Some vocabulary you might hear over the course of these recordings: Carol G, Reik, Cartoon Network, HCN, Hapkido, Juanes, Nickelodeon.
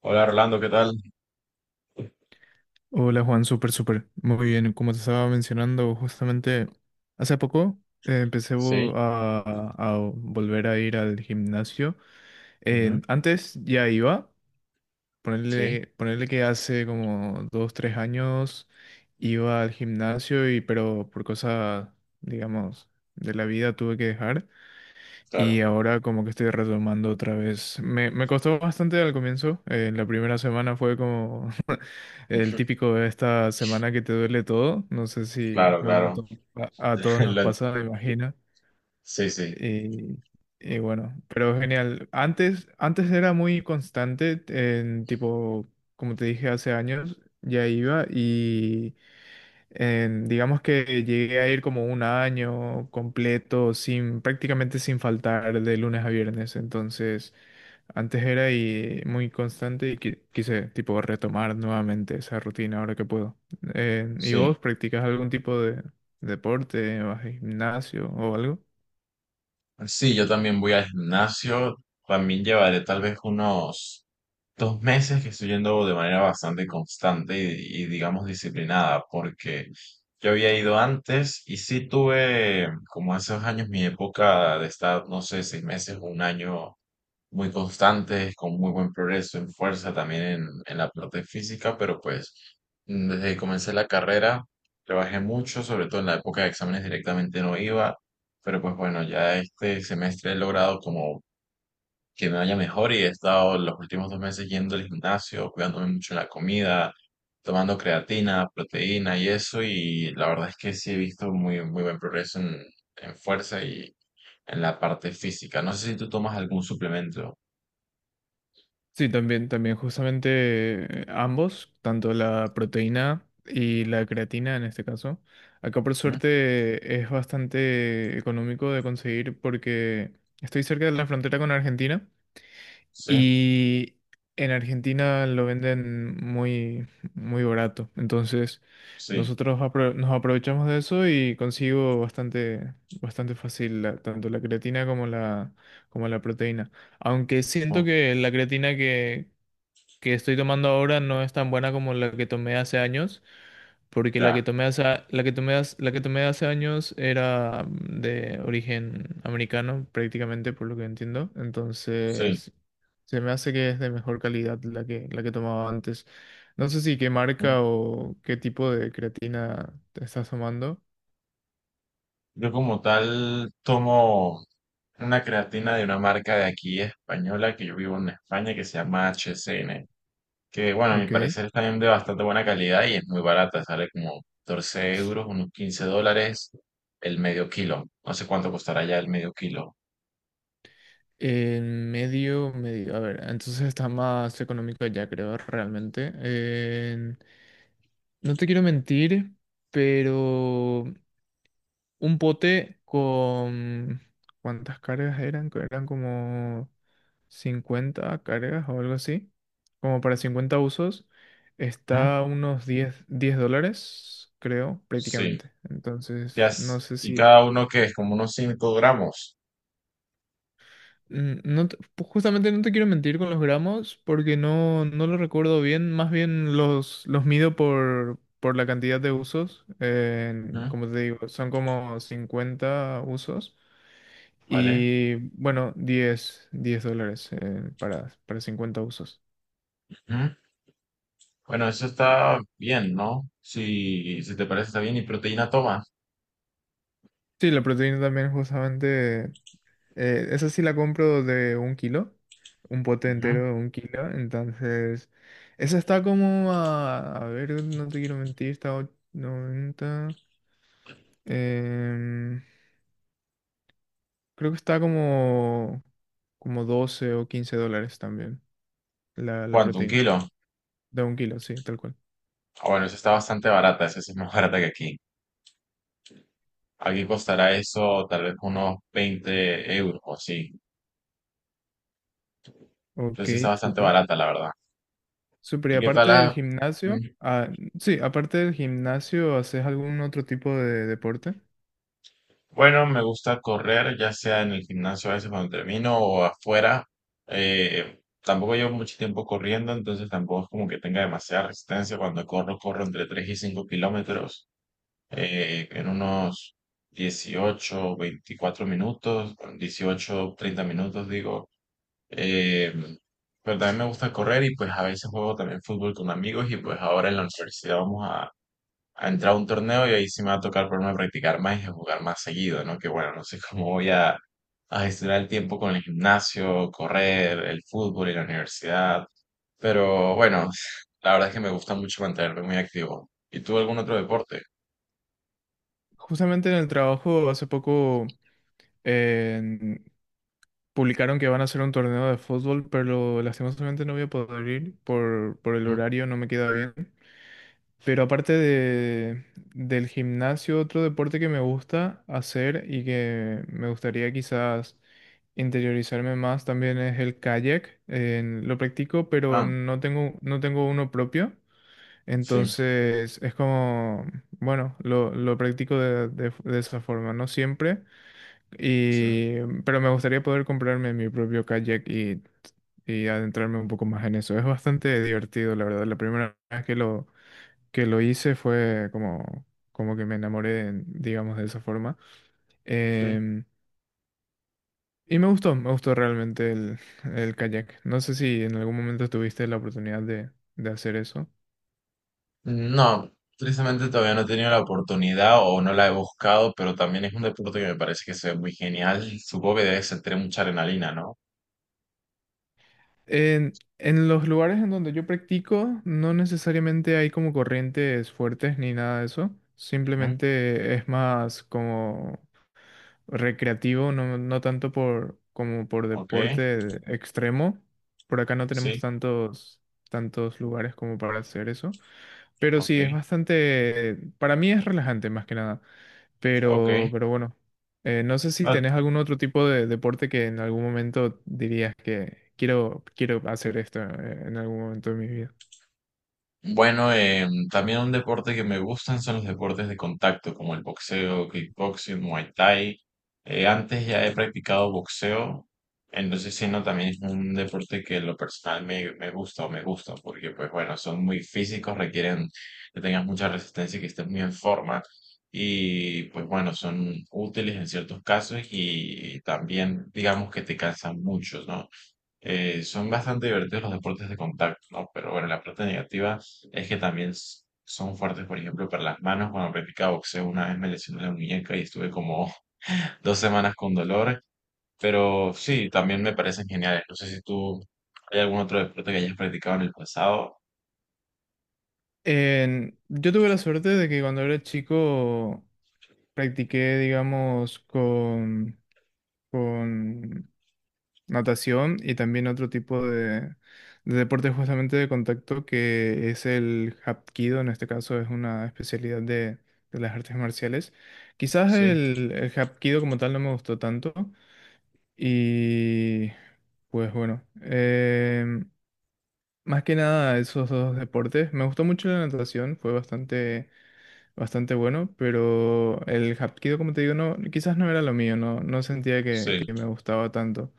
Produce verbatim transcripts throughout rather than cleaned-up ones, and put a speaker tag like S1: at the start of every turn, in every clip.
S1: Hola, Rolando, ¿qué tal?
S2: Hola Juan, súper, súper. Muy bien, como te estaba mencionando, justamente hace poco eh, empecé vo-
S1: Sí,
S2: a, a volver a ir al gimnasio.
S1: ujú,
S2: Eh, antes ya iba,
S1: sí,
S2: ponerle, ponerle que hace como dos, tres años iba al gimnasio, y, pero por cosas, digamos, de la vida tuve que dejar. Y
S1: claro,
S2: ahora como que estoy retomando otra vez. Me, me costó bastante al comienzo. Eh, la primera semana fue como el
S1: ujú,
S2: típico de esta semana que te duele todo, no sé si,
S1: claro,
S2: bueno, a,
S1: claro.
S2: to- a- a todos nos
S1: Lo-
S2: pasa, me imagino.
S1: Sí, sí,
S2: Y, y bueno, pero genial. Antes, antes era muy constante, en tipo, como te dije hace años, ya iba y eh, digamos que llegué a ir como un año completo, sin, prácticamente sin faltar de lunes a viernes. Entonces, antes era y muy constante y qui- quise tipo retomar nuevamente esa rutina ahora que puedo. Eh, ¿y
S1: sí.
S2: vos practicas algún tipo de deporte, vas al gimnasio o algo?
S1: Sí, yo también voy al gimnasio. También llevaré tal vez unos dos meses que estoy yendo de manera bastante constante y, y, digamos disciplinada, porque yo había ido antes y sí tuve como hace dos años mi época de estar, no sé, seis meses o un año muy constantes, con muy buen progreso en fuerza, también en, en la parte física, pero pues mm, desde que comencé la carrera trabajé mucho, sobre todo en la época de exámenes directamente no iba, pero pues bueno, ya este semestre he logrado como que me vaya mejor y he estado los últimos dos meses yendo al gimnasio, cuidándome mucho en la comida, tomando creatina, proteína y eso, y la verdad es que sí he visto muy, muy buen progreso en, en fuerza y en la parte física. No sé si tú tomas algún suplemento.
S2: Sí, también, también, justamente eh, ambos, tanto la proteína y la creatina en este caso. Acá por suerte es bastante económico de conseguir porque estoy cerca de la frontera con Argentina
S1: Sí,
S2: y en Argentina lo venden muy, muy barato. Entonces
S1: sí,
S2: nosotros apro- nos aprovechamos de eso y consigo bastante, bastante fácil la- tanto la creatina como la, como la proteína. Aunque siento
S1: mm,
S2: que la creatina que, que estoy tomando ahora no es tan buena como la que tomé hace años, porque la
S1: ya,
S2: que tomé hace, la que tomé hace- la que tomé hace años era mm, de origen americano, prácticamente, por lo que entiendo.
S1: sí.
S2: Entonces, se me hace que es de mejor calidad la que, la que tomaba antes. No sé si qué
S1: mm.
S2: marca o qué tipo de creatina te estás tomando.
S1: Yo como tal tomo una creatina de una marca de aquí española que yo vivo en España que se llama H C N, que bueno, a mi
S2: Ok.
S1: parecer es también de bastante buena calidad y es muy barata, sale como catorce euros, unos quince dólares el medio kilo. No sé cuánto costará ya el medio kilo.
S2: En medio, medio, a ver, entonces está más económico ya creo realmente. No te quiero mentir, pero un pote con... ¿Cuántas cargas eran? Que Eran como cincuenta cargas o algo así. Como para cincuenta usos.
S1: ¿Mm?
S2: Está a unos diez, diez dólares, creo,
S1: Sí,
S2: prácticamente.
S1: ya,
S2: Entonces, no
S1: es-
S2: sé
S1: y
S2: si...
S1: cada uno que es como unos cinco gramos.
S2: Mm, No te- pu- justamente no te quiero mentir con los gramos porque no, no lo recuerdo bien. Más bien los, los mido por, por la cantidad de usos. Eh,
S1: ¿Mm?
S2: como te digo, son como cincuenta usos.
S1: ¿Vale?
S2: Y bueno, diez diez dólares eh, para, para cincuenta usos.
S1: Bueno, eso está bien, ¿no? Si, si te parece, está bien. ¿Y proteína tomas?
S2: Sí, la proteína también justamente Eh, esa sí la compro de un kilo, un pote
S1: Ujú.
S2: entero de un kilo. Entonces, esa está como a, a ver, no te quiero mentir, está a noventa. em, Creo que está como, como doce o quince dólares también la, la
S1: ¿Cuánto? ¿Un
S2: proteína
S1: kilo?
S2: de un kilo, sí, tal cual.
S1: Ah, bueno, esa está bastante barata. Esa sí es más barata que aquí. Aquí costará eso tal vez unos veinte euros o así.
S2: Ok,
S1: Entonces sí está bastante
S2: súper.
S1: barata, la verdad.
S2: Súper, y
S1: ¿Y qué tal
S2: aparte del
S1: la...?
S2: gimnasio,
S1: Mm,
S2: ah, sí, aparte del gimnasio, ¿haces algún otro tipo de deporte?
S1: Bueno, me gusta correr, ya sea en el gimnasio a veces cuando termino o afuera. Eh, tampoco llevo mucho tiempo corriendo, entonces tampoco es como que tenga demasiada resistencia. Cuando corro, corro entre tres y cinco kilómetros. Eh, en unos dieciocho, veinticuatro minutos, dieciocho treinta minutos, digo. Eh, pero también me gusta correr y pues a veces juego también fútbol con amigos y pues ahora en la universidad vamos a, a entrar a un torneo y ahí sí me va a tocar ponerme a practicar más y a jugar más seguido, ¿no? Que bueno, no sé cómo voy a, a gestionar el tiempo con el gimnasio, correr, el fútbol y la universidad. Pero bueno, la verdad es que me gusta mucho mantenerme muy activo. ¿Y tú algún otro deporte?
S2: Justamente en el trabajo hace poco publicaron que van a hacer un torneo de fútbol, pero lastimosamente no voy a poder ir por, por el
S1: ¿Mm?
S2: horario, no me queda bien. Pero aparte de, del gimnasio, otro deporte que me gusta hacer y que me gustaría quizás interiorizarme más también es el kayak. Eh, lo practico, pero
S1: Ah.
S2: no tengo, no tengo uno propio.
S1: Sí,
S2: Entonces es como, bueno, lo, lo practico de, de de esa forma, no siempre.
S1: sí,
S2: Y, pero me gustaría poder comprarme mi propio kayak y, y adentrarme un poco más en eso. Es bastante divertido, la verdad. La primera vez que lo, que lo hice fue como, como que me enamoré, digamos, de esa forma.
S1: sí.
S2: Em, y me gustó, me gustó realmente el, el kayak. No sé si en algún momento tuviste la oportunidad de, de hacer eso.
S1: No, tristemente todavía no he tenido la oportunidad o no la he buscado, pero también es un deporte que me parece que se ve muy genial. Supongo que debe sentir mucha adrenalina, ¿no?
S2: En, en los lugares en donde yo practico, no necesariamente hay como corrientes fuertes ni nada de eso.
S1: Ujú.
S2: Simplemente es más como recreativo, no, no tanto por, como por
S1: Ok,
S2: deporte extremo. Por acá no tenemos
S1: sí,
S2: tantos, tantos lugares como para hacer eso. Pero
S1: ok,
S2: sí, es bastante, para mí es relajante más que nada.
S1: ok.
S2: Pero, pero bueno, eh, no sé si tenés algún otro tipo de deporte que en algún momento dirías que quiero, quiero hacer esto eh, en algún momento de mi vida.
S1: Bueno, em, también un deporte que me gustan son los deportes de contacto, como el boxeo, kickboxing, muay thai. Eh, antes ya he practicado boxeo, entonces sí, no, también es un deporte que en lo personal me, me gusta o me gusta, porque pues bueno, son muy físicos, requieren que tengas mucha resistencia y que estés muy en forma. Y pues bueno, son útiles en ciertos casos y también digamos que te cansan mucho, ¿no? Eh, son bastante divertidos los deportes de contacto, ¿no? Pero bueno, la parte negativa es que también s- son fuertes, por ejemplo, para las manos. Cuando practicaba boxeo una vez me lesioné la muñeca y estuve como dos semanas con dolor, pero sí, también me parecen geniales. No sé si tú hay algún otro deporte que hayas practicado en el pasado.
S2: En- yo tuve la suerte de que cuando era chico practiqué, digamos, con, con natación y también otro tipo de, de deporte justamente de contacto que es el Hapkido, en este caso es una especialidad de, de las artes marciales. Quizás
S1: Sí,
S2: el, el Hapkido como tal no me gustó tanto y pues bueno, em, más que nada esos dos deportes. Me gustó mucho la natación, fue bastante bastante bueno, pero el Hapkido, como te digo, no, quizás no era lo mío, no, no sentía que,
S1: sí,
S2: que me gustaba tanto.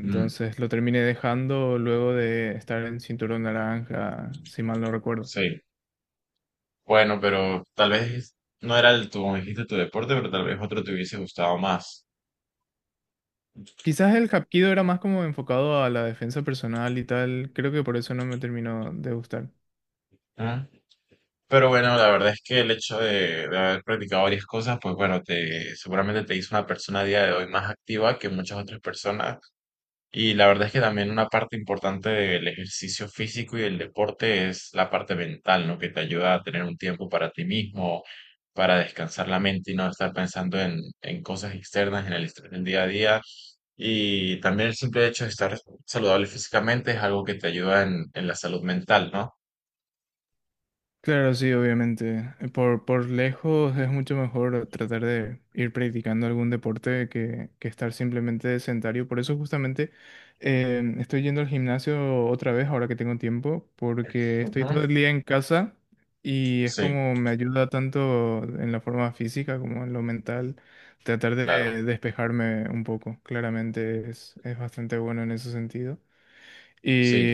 S1: mm,
S2: lo terminé dejando luego de estar en cinturón naranja, si mal no recuerdo.
S1: sí. Bueno, pero tal vez no era el tu, como dijiste, tu deporte, pero tal vez otro te hubiese gustado más.
S2: Quizás el Hapkido era más como enfocado a la defensa personal y tal, creo que por eso no me terminó de gustar.
S1: Pero bueno, la verdad es que el hecho de, de haber practicado varias cosas, pues bueno, te, seguramente te hizo una persona a día de hoy más activa que muchas otras personas. Y la verdad es que también una parte importante del ejercicio físico y del deporte es la parte mental, ¿no? Que te ayuda a tener un tiempo para ti mismo, para descansar la mente y no estar pensando en, en cosas externas, en el estrés del día a día. Y también el simple hecho de estar saludable físicamente es algo que te ayuda en, en la salud mental, ¿no?
S2: Claro, sí, obviamente. Eh, Por, por lejos es mucho mejor tratar de ir practicando algún deporte que, que estar simplemente sedentario. Por eso justamente eh, estoy yendo al gimnasio otra vez ahora que tengo tiempo, porque estoy
S1: Ujú.
S2: todo el día en casa y es
S1: Sí,
S2: como me ayuda tanto en la forma física como en lo mental tratar
S1: claro.
S2: de despejarme un poco. Claramente es, es bastante bueno en ese sentido.
S1: Sí.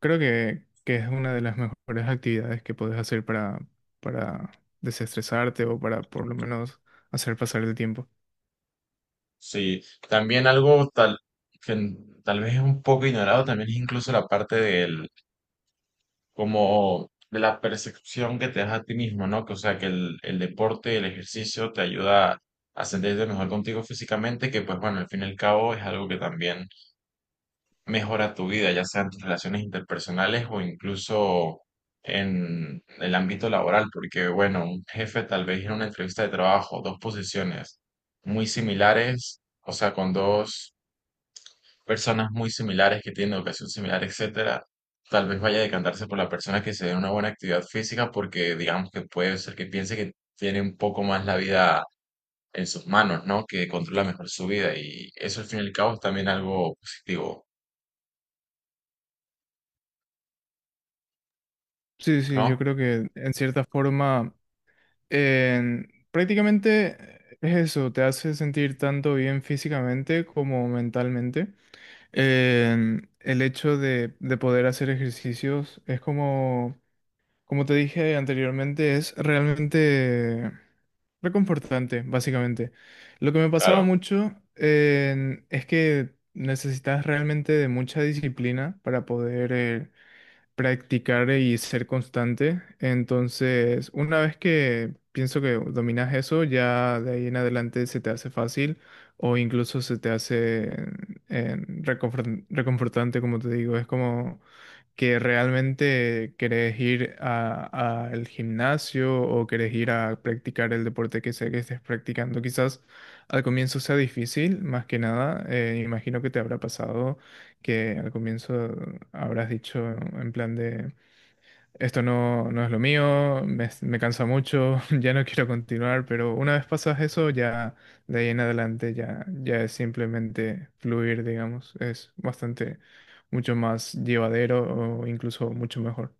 S2: Creo que, que es una de las mejores actividades que puedes hacer para, para desestresarte o para por lo menos hacer pasar el tiempo.
S1: Sí, también algo tal que n- tal vez es un poco ignorado también es incluso la parte del como de la percepción que te das a ti mismo, ¿no? Que o sea que el, el deporte, el ejercicio te ayuda a sentirte mejor contigo físicamente, que pues bueno, al fin y al cabo es algo que también mejora tu vida, ya sea en tus relaciones interpersonales o incluso en el ámbito laboral, porque bueno, un jefe tal vez en una entrevista de trabajo, dos posiciones muy similares, o sea, con dos personas muy similares que tienen educación similar, etcétera, tal vez vaya a decantarse por la persona que se dé una buena actividad física porque digamos que puede ser que piense que tiene un poco más la vida en sus manos, ¿no? Que controla mejor su vida y eso al fin y al cabo es también algo positivo,
S2: Sí, sí, yo
S1: ¿no?
S2: creo que en cierta forma en- prácticamente es eso, te hace sentir tanto bien físicamente como mentalmente. En el hecho de, de poder hacer ejercicios es como, como te dije anteriormente, es realmente reconfortante, básicamente. Lo que me pasaba
S1: Claro,
S2: mucho eh, es que necesitas realmente de mucha disciplina para poder eh, practicar y ser constante. Entonces, una vez que pienso que dominas eso, ya de ahí en adelante se te hace fácil o incluso se te hace eh, reconfor- reconfortante, como te digo. Es como que realmente querés ir a- al gimnasio o querés ir a practicar el deporte que sea que estés practicando. Quizás al comienzo sea difícil, más que nada. Eh, imagino que te habrá pasado que al comienzo habrás dicho en plan de, esto no, no es lo mío, me, me cansa mucho, ya no quiero continuar, pero una vez pasas eso, ya de ahí en adelante ya, ya es simplemente fluir, digamos, es bastante mucho más llevadero o incluso mucho mejor.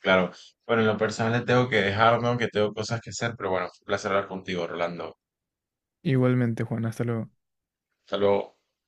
S1: claro. Bueno, en lo personal le tengo que dejarme, aunque tengo cosas que hacer, pero bueno, fue un placer hablar contigo, Rolando.
S2: Igualmente, Juan, hasta luego.
S1: Hasta luego.